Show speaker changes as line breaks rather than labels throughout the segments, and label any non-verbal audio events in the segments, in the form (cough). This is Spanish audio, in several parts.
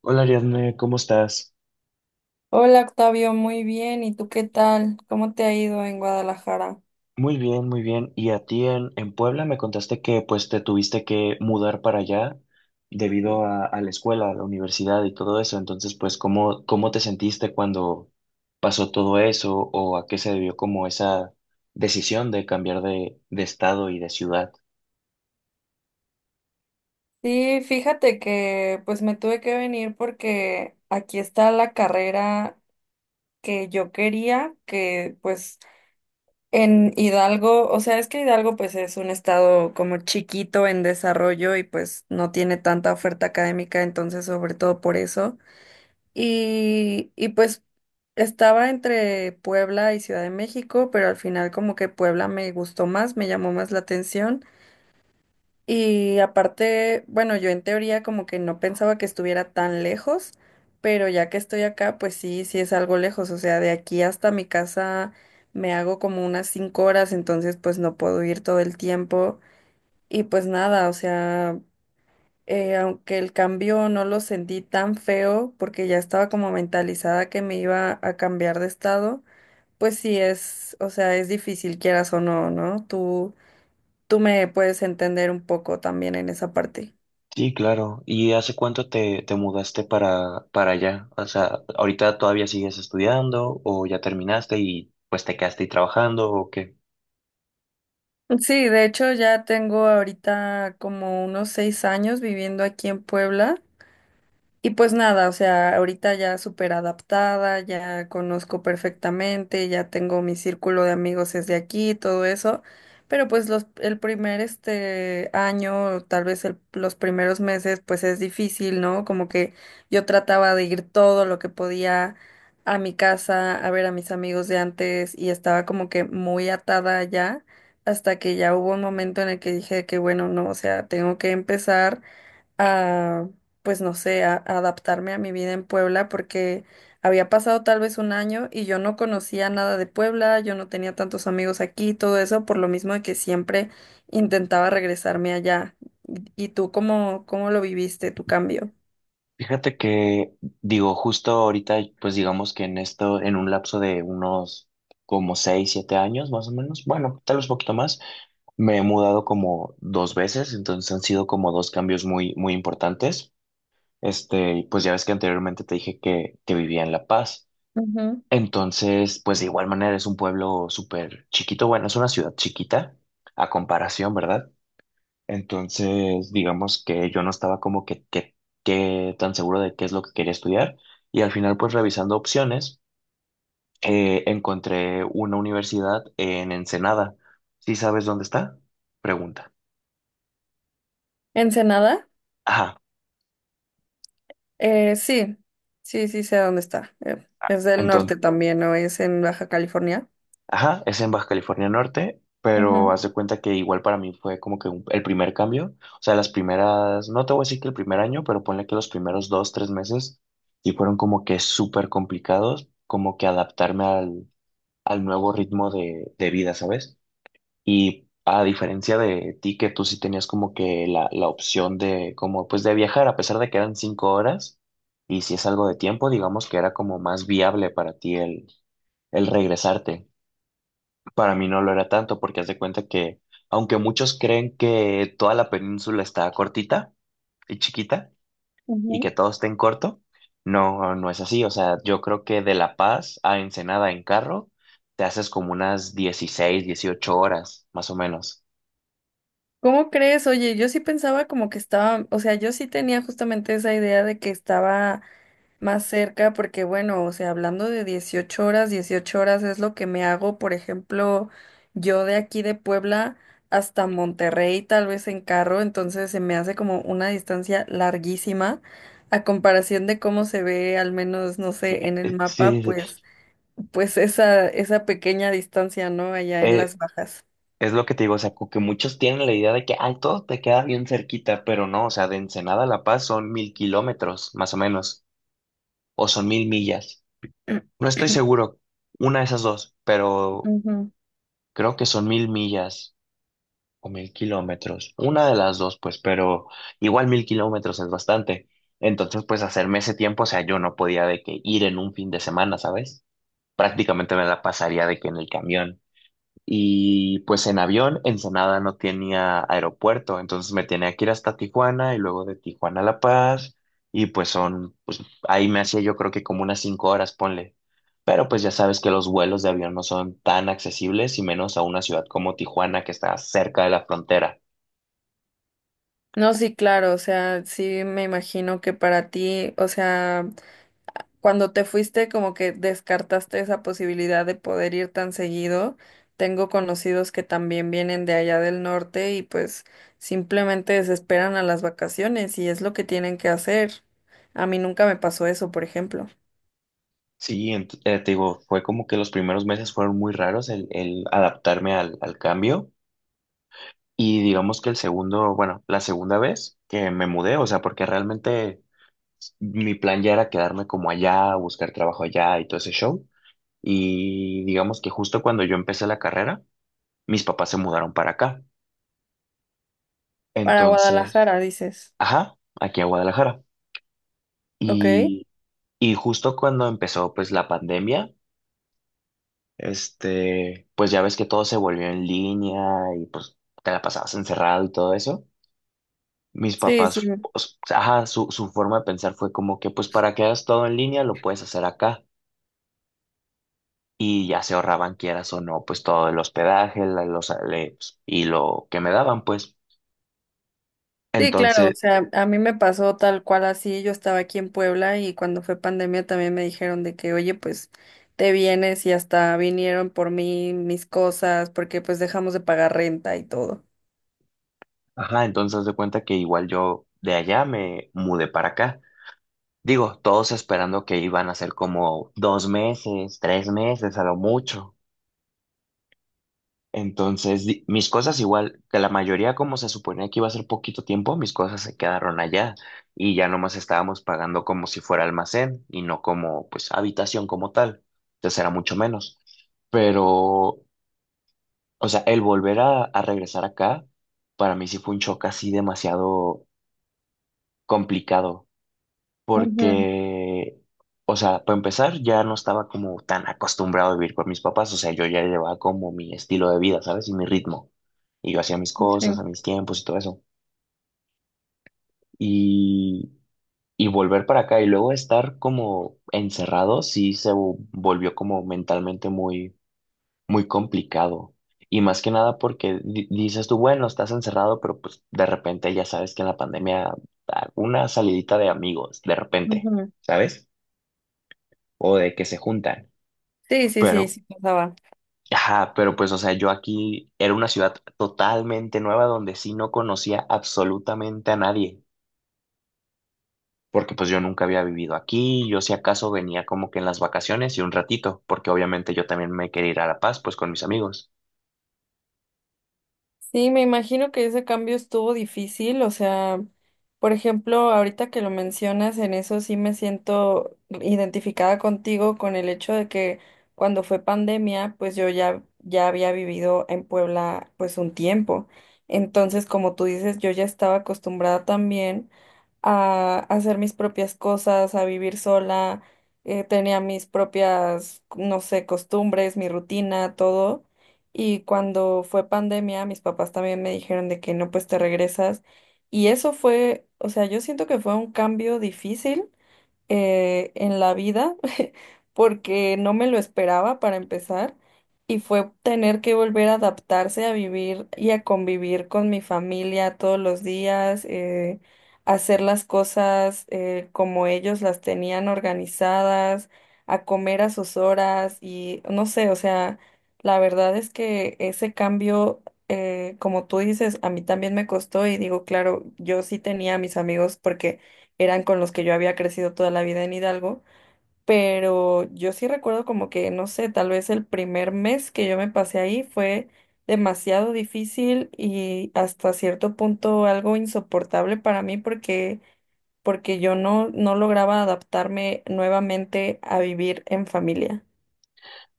Hola Ariadne, ¿cómo estás?
Hola Octavio, muy bien. ¿Y tú qué tal? ¿Cómo te ha ido en Guadalajara?
Muy bien, muy bien. ¿Y a ti en Puebla me contaste que pues te tuviste que mudar para allá debido a la escuela, a la universidad y todo eso? Entonces, pues, ¿cómo te sentiste cuando pasó todo eso o a qué se debió como esa decisión de cambiar de estado y de ciudad?
Sí, fíjate que pues me tuve que venir porque aquí está la carrera que yo quería, que pues en Hidalgo, o sea, es que Hidalgo pues es un estado como chiquito en desarrollo y pues no tiene tanta oferta académica, entonces sobre todo por eso. Y pues estaba entre Puebla y Ciudad de México, pero al final como que Puebla me gustó más, me llamó más la atención. Y aparte, bueno, yo en teoría como que no pensaba que estuviera tan lejos, pero ya que estoy acá, pues sí, sí es algo lejos. O sea, de aquí hasta mi casa me hago como unas 5 horas, entonces pues no puedo ir todo el tiempo. Y pues nada, o sea, aunque el cambio no lo sentí tan feo porque ya estaba como mentalizada que me iba a cambiar de estado, pues sí es, o sea, es difícil quieras o no, ¿no? Tú me puedes entender un poco también en esa parte.
Sí, claro. ¿Y hace cuánto te mudaste para allá? O sea, ¿ahorita todavía sigues estudiando o ya terminaste y pues te quedaste ahí trabajando o qué?
Sí, de hecho ya tengo ahorita como unos 6 años viviendo aquí en Puebla. Y pues nada, o sea, ahorita ya súper adaptada, ya conozco perfectamente, ya tengo mi círculo de amigos desde aquí, todo eso, pero pues los, el primer este año, tal vez los primeros meses, pues es difícil, ¿no? Como que yo trataba de ir todo lo que podía a mi casa, a ver a mis amigos de antes y estaba como que muy atada ya, hasta que ya hubo un momento en el que dije que bueno, no, o sea, tengo que empezar a, pues no sé, a adaptarme a mi vida en Puebla porque había pasado tal vez un año y yo no conocía nada de Puebla, yo no tenía tantos amigos aquí, todo eso, por lo mismo de que siempre intentaba regresarme allá. ¿Y tú cómo, cómo lo viviste, tu cambio?
Fíjate que, digo, justo ahorita, pues digamos que en esto, en un lapso de unos como 6, 7 años más o menos, bueno, tal vez poquito más, me he mudado como dos veces, entonces han sido como dos cambios muy, muy importantes. Este, pues ya ves que anteriormente te dije que vivía en La Paz.
Ujú.
Entonces, pues de igual manera es un pueblo súper chiquito, bueno, es una ciudad chiquita a comparación, ¿verdad? Entonces, digamos que yo no estaba como que tan seguro de qué es lo que quería estudiar y al final pues revisando opciones encontré una universidad en Ensenada. ¿Sí sabes dónde está? Pregunta.
¿Ensenada?
Ajá,
Sí, sí, sí sé dónde está. Es del
entonces,
norte también, ¿no? Es en Baja California.
ajá, es en Baja California Norte,
Ujú,
pero haz de cuenta que igual para mí fue como que el primer cambio, o sea, las primeras, no te voy a decir que el primer año, pero ponle que los primeros 2, 3 meses sí fueron como que súper complicados, como que adaptarme al nuevo ritmo de vida, ¿sabes? Y a diferencia de ti, que tú sí tenías como que la opción de, como, pues de viajar, a pesar de que eran 5 horas, y si es algo de tiempo, digamos que era como más viable para ti el regresarte. Para mí no lo era tanto, porque haz de cuenta que, aunque muchos creen que toda la península está cortita y chiquita, y
ujú.
que todo esté en corto. No, no es así. O sea, yo creo que de La Paz a Ensenada en carro te haces como unas 16 18 horas, más o menos.
¿Cómo crees? Oye, yo sí pensaba como que estaba, o sea, yo sí tenía justamente esa idea de que estaba más cerca, porque bueno, o sea, hablando de 18 horas, 18 horas es lo que me hago, por ejemplo, yo de aquí de Puebla hasta Monterrey, tal vez en carro, entonces se me hace como una distancia larguísima a comparación de cómo se ve, al menos, no sé, en el mapa,
Sí, sí, sí.
pues, pues esa pequeña distancia, ¿no? Allá en
Eh,
las bajas.
es lo que te digo, o sea, como que muchos tienen la idea de que, ay, todo te queda bien cerquita, pero no, o sea, de Ensenada a La Paz son 1000 kilómetros, más o menos, o son 1000 millas. No estoy
(clears throat)
seguro, una de esas dos, pero
Ujú.
creo que son 1000 millas. O 1000 kilómetros. Una de las dos, pues, pero igual 1000 kilómetros es bastante. Entonces, pues, hacerme ese tiempo, o sea, yo no podía de que ir en un fin de semana, ¿sabes? Prácticamente me la pasaría de que en el camión. Y pues en avión, Ensenada no tenía aeropuerto, entonces me tenía que ir hasta Tijuana y luego de Tijuana a La Paz. Y pues son, pues ahí me hacía yo creo que como unas 5 horas, ponle. Pero pues ya sabes que los vuelos de avión no son tan accesibles y menos a una ciudad como Tijuana que está cerca de la frontera.
No, sí, claro, o sea, sí me imagino que para ti, o sea, cuando te fuiste como que descartaste esa posibilidad de poder ir tan seguido. Tengo conocidos que también vienen de allá del norte y pues simplemente desesperan a las vacaciones y es lo que tienen que hacer. A mí nunca me pasó eso, por ejemplo.
Sí, te digo, fue como que los primeros meses fueron muy raros el adaptarme al cambio y digamos que el segundo, bueno, la segunda vez que me mudé, o sea, porque realmente mi plan ya era quedarme como allá, buscar trabajo allá y todo ese show. Y digamos que justo cuando yo empecé la carrera, mis papás se mudaron para acá.
Para
Entonces,
Guadalajara, dices.
ajá, aquí a Guadalajara.
Ok.
Y, y justo cuando empezó pues la pandemia. Este, pues ya ves que todo se volvió en línea y pues te la pasabas encerrado y todo eso. Mis
Sí, sí.
papás, pues, ajá, su forma de pensar fue como que pues para que hagas todo en línea lo puedes hacer acá. Y ya se ahorraban, quieras o no, pues todo el hospedaje, los, y lo que me daban, pues.
Sí, claro,
Entonces,
o sea, a mí me pasó tal cual así, yo estaba aquí en Puebla y cuando fue pandemia también me dijeron de que, oye, pues te vienes y hasta vinieron por mí mis cosas porque pues dejamos de pagar renta y todo.
ajá, entonces haz de cuenta que igual yo de allá me mudé para acá. Digo, todos esperando que iban a ser como 2 meses, 3 meses a lo mucho. Entonces, mis cosas igual, que la mayoría como se suponía que iba a ser poquito tiempo, mis cosas se quedaron allá y ya nomás estábamos pagando como si fuera almacén y no como pues habitación como tal. Entonces era mucho menos. Pero, o sea, el volver a regresar acá, para mí sí fue un choque así demasiado complicado
Ujú,
porque, o sea, para empezar, ya no estaba como tan acostumbrado a vivir con mis papás, o sea, yo ya llevaba como mi estilo de vida, ¿sabes? Y mi ritmo. Y yo hacía mis
sí,
cosas, a mis tiempos y todo eso. Y, y volver para acá y luego estar como encerrado, sí se volvió como mentalmente muy, muy complicado. Y más que nada porque dices tú, bueno, estás encerrado, pero pues de repente ya sabes que en la pandemia, ah, una salidita de amigos, de repente,
ujú.
¿sabes? O de que se juntan.
Sí, sí, sí,
Pero,
sí pasaba.
ajá, pero pues, o sea, yo aquí era una ciudad totalmente nueva donde sí no conocía absolutamente a nadie, porque pues yo nunca había vivido aquí, yo si acaso venía como que en las vacaciones y un ratito, porque obviamente yo también me quería ir a La Paz, pues con mis amigos.
Sí, me imagino que ese cambio estuvo difícil, o sea, por ejemplo, ahorita que lo mencionas, en eso sí me siento identificada contigo con el hecho de que cuando fue pandemia, pues yo ya ya había vivido en Puebla pues un tiempo. Entonces, como tú dices, yo ya estaba acostumbrada también a hacer mis propias cosas, a vivir sola, tenía mis propias, no sé, costumbres, mi rutina, todo. Y cuando fue pandemia, mis papás también me dijeron de que no, pues te regresas. Y eso fue, o sea, yo siento que fue un cambio difícil en la vida (laughs) porque no me lo esperaba para empezar y fue tener que volver a adaptarse a vivir y a convivir con mi familia todos los días, hacer las cosas como ellos las tenían organizadas, a comer a sus horas y no sé, o sea, la verdad es que ese cambio, como tú dices, a mí también me costó y digo, claro, yo sí tenía a mis amigos porque eran con los que yo había crecido toda la vida en Hidalgo, pero yo sí recuerdo como que, no sé, tal vez el primer mes que yo me pasé ahí fue demasiado difícil y hasta cierto punto algo insoportable para mí porque, porque yo no, no lograba adaptarme nuevamente a vivir en familia.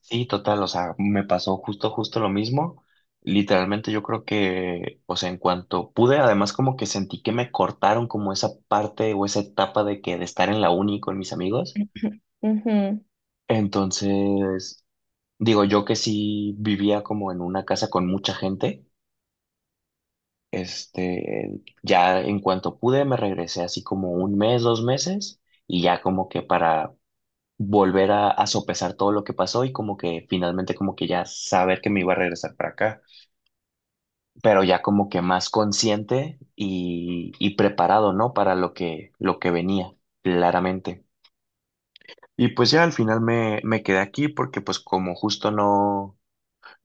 Sí, total, o sea, me pasó justo, justo lo mismo. Literalmente yo creo que, o sea, en cuanto pude, además como que sentí que me cortaron como esa parte o esa etapa de que de estar en la uni con mis amigos.
(clears throat) Ujú.
Entonces, digo, yo que sí vivía como en una casa con mucha gente, este, ya en cuanto pude me regresé así como un mes, 2 meses y ya como que para volver a sopesar todo lo que pasó y como que finalmente como que ya saber que me iba a regresar para acá, pero ya como que más consciente y preparado, ¿no? Para lo que venía, claramente. Y pues ya al final me quedé aquí porque pues como justo no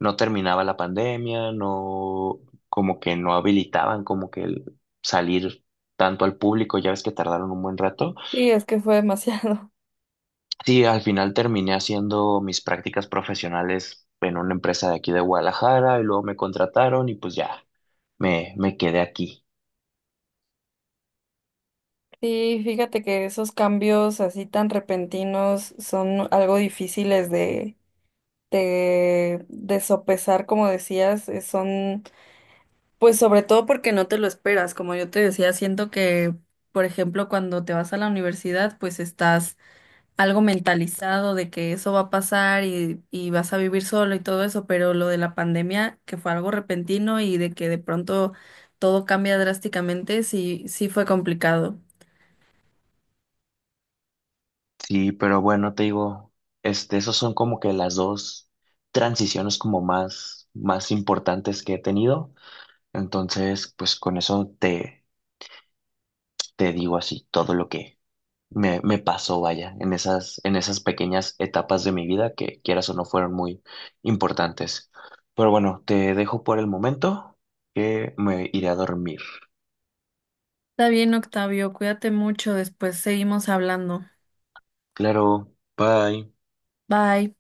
no terminaba la pandemia, no, como que no habilitaban como que el salir tanto al público, ya ves que tardaron un buen rato.
Sí, es que fue demasiado. (laughs)
Sí, al final terminé haciendo mis prácticas profesionales en una empresa de aquí de Guadalajara y luego me contrataron y pues ya, me quedé aquí.
Sí, fíjate que esos cambios así tan repentinos son algo difíciles de sopesar, como decías, son, pues sobre todo porque no te lo esperas, como yo te decía, siento que, por ejemplo, cuando te vas a la universidad, pues estás algo mentalizado de que eso va a pasar y vas a vivir solo y todo eso, pero lo de la pandemia, que fue algo repentino y de que de pronto todo cambia drásticamente, sí, sí fue complicado.
Sí, pero bueno, te digo, este, esos son como que las dos transiciones como más, más importantes que he tenido. Entonces, pues con eso te, te digo así todo lo que me pasó, vaya, en esas pequeñas etapas de mi vida que quieras o no fueron muy importantes. Pero bueno, te dejo por el momento que me iré a dormir.
Está bien, Octavio, cuídate mucho, después seguimos hablando.
Claro, bye.
Bye.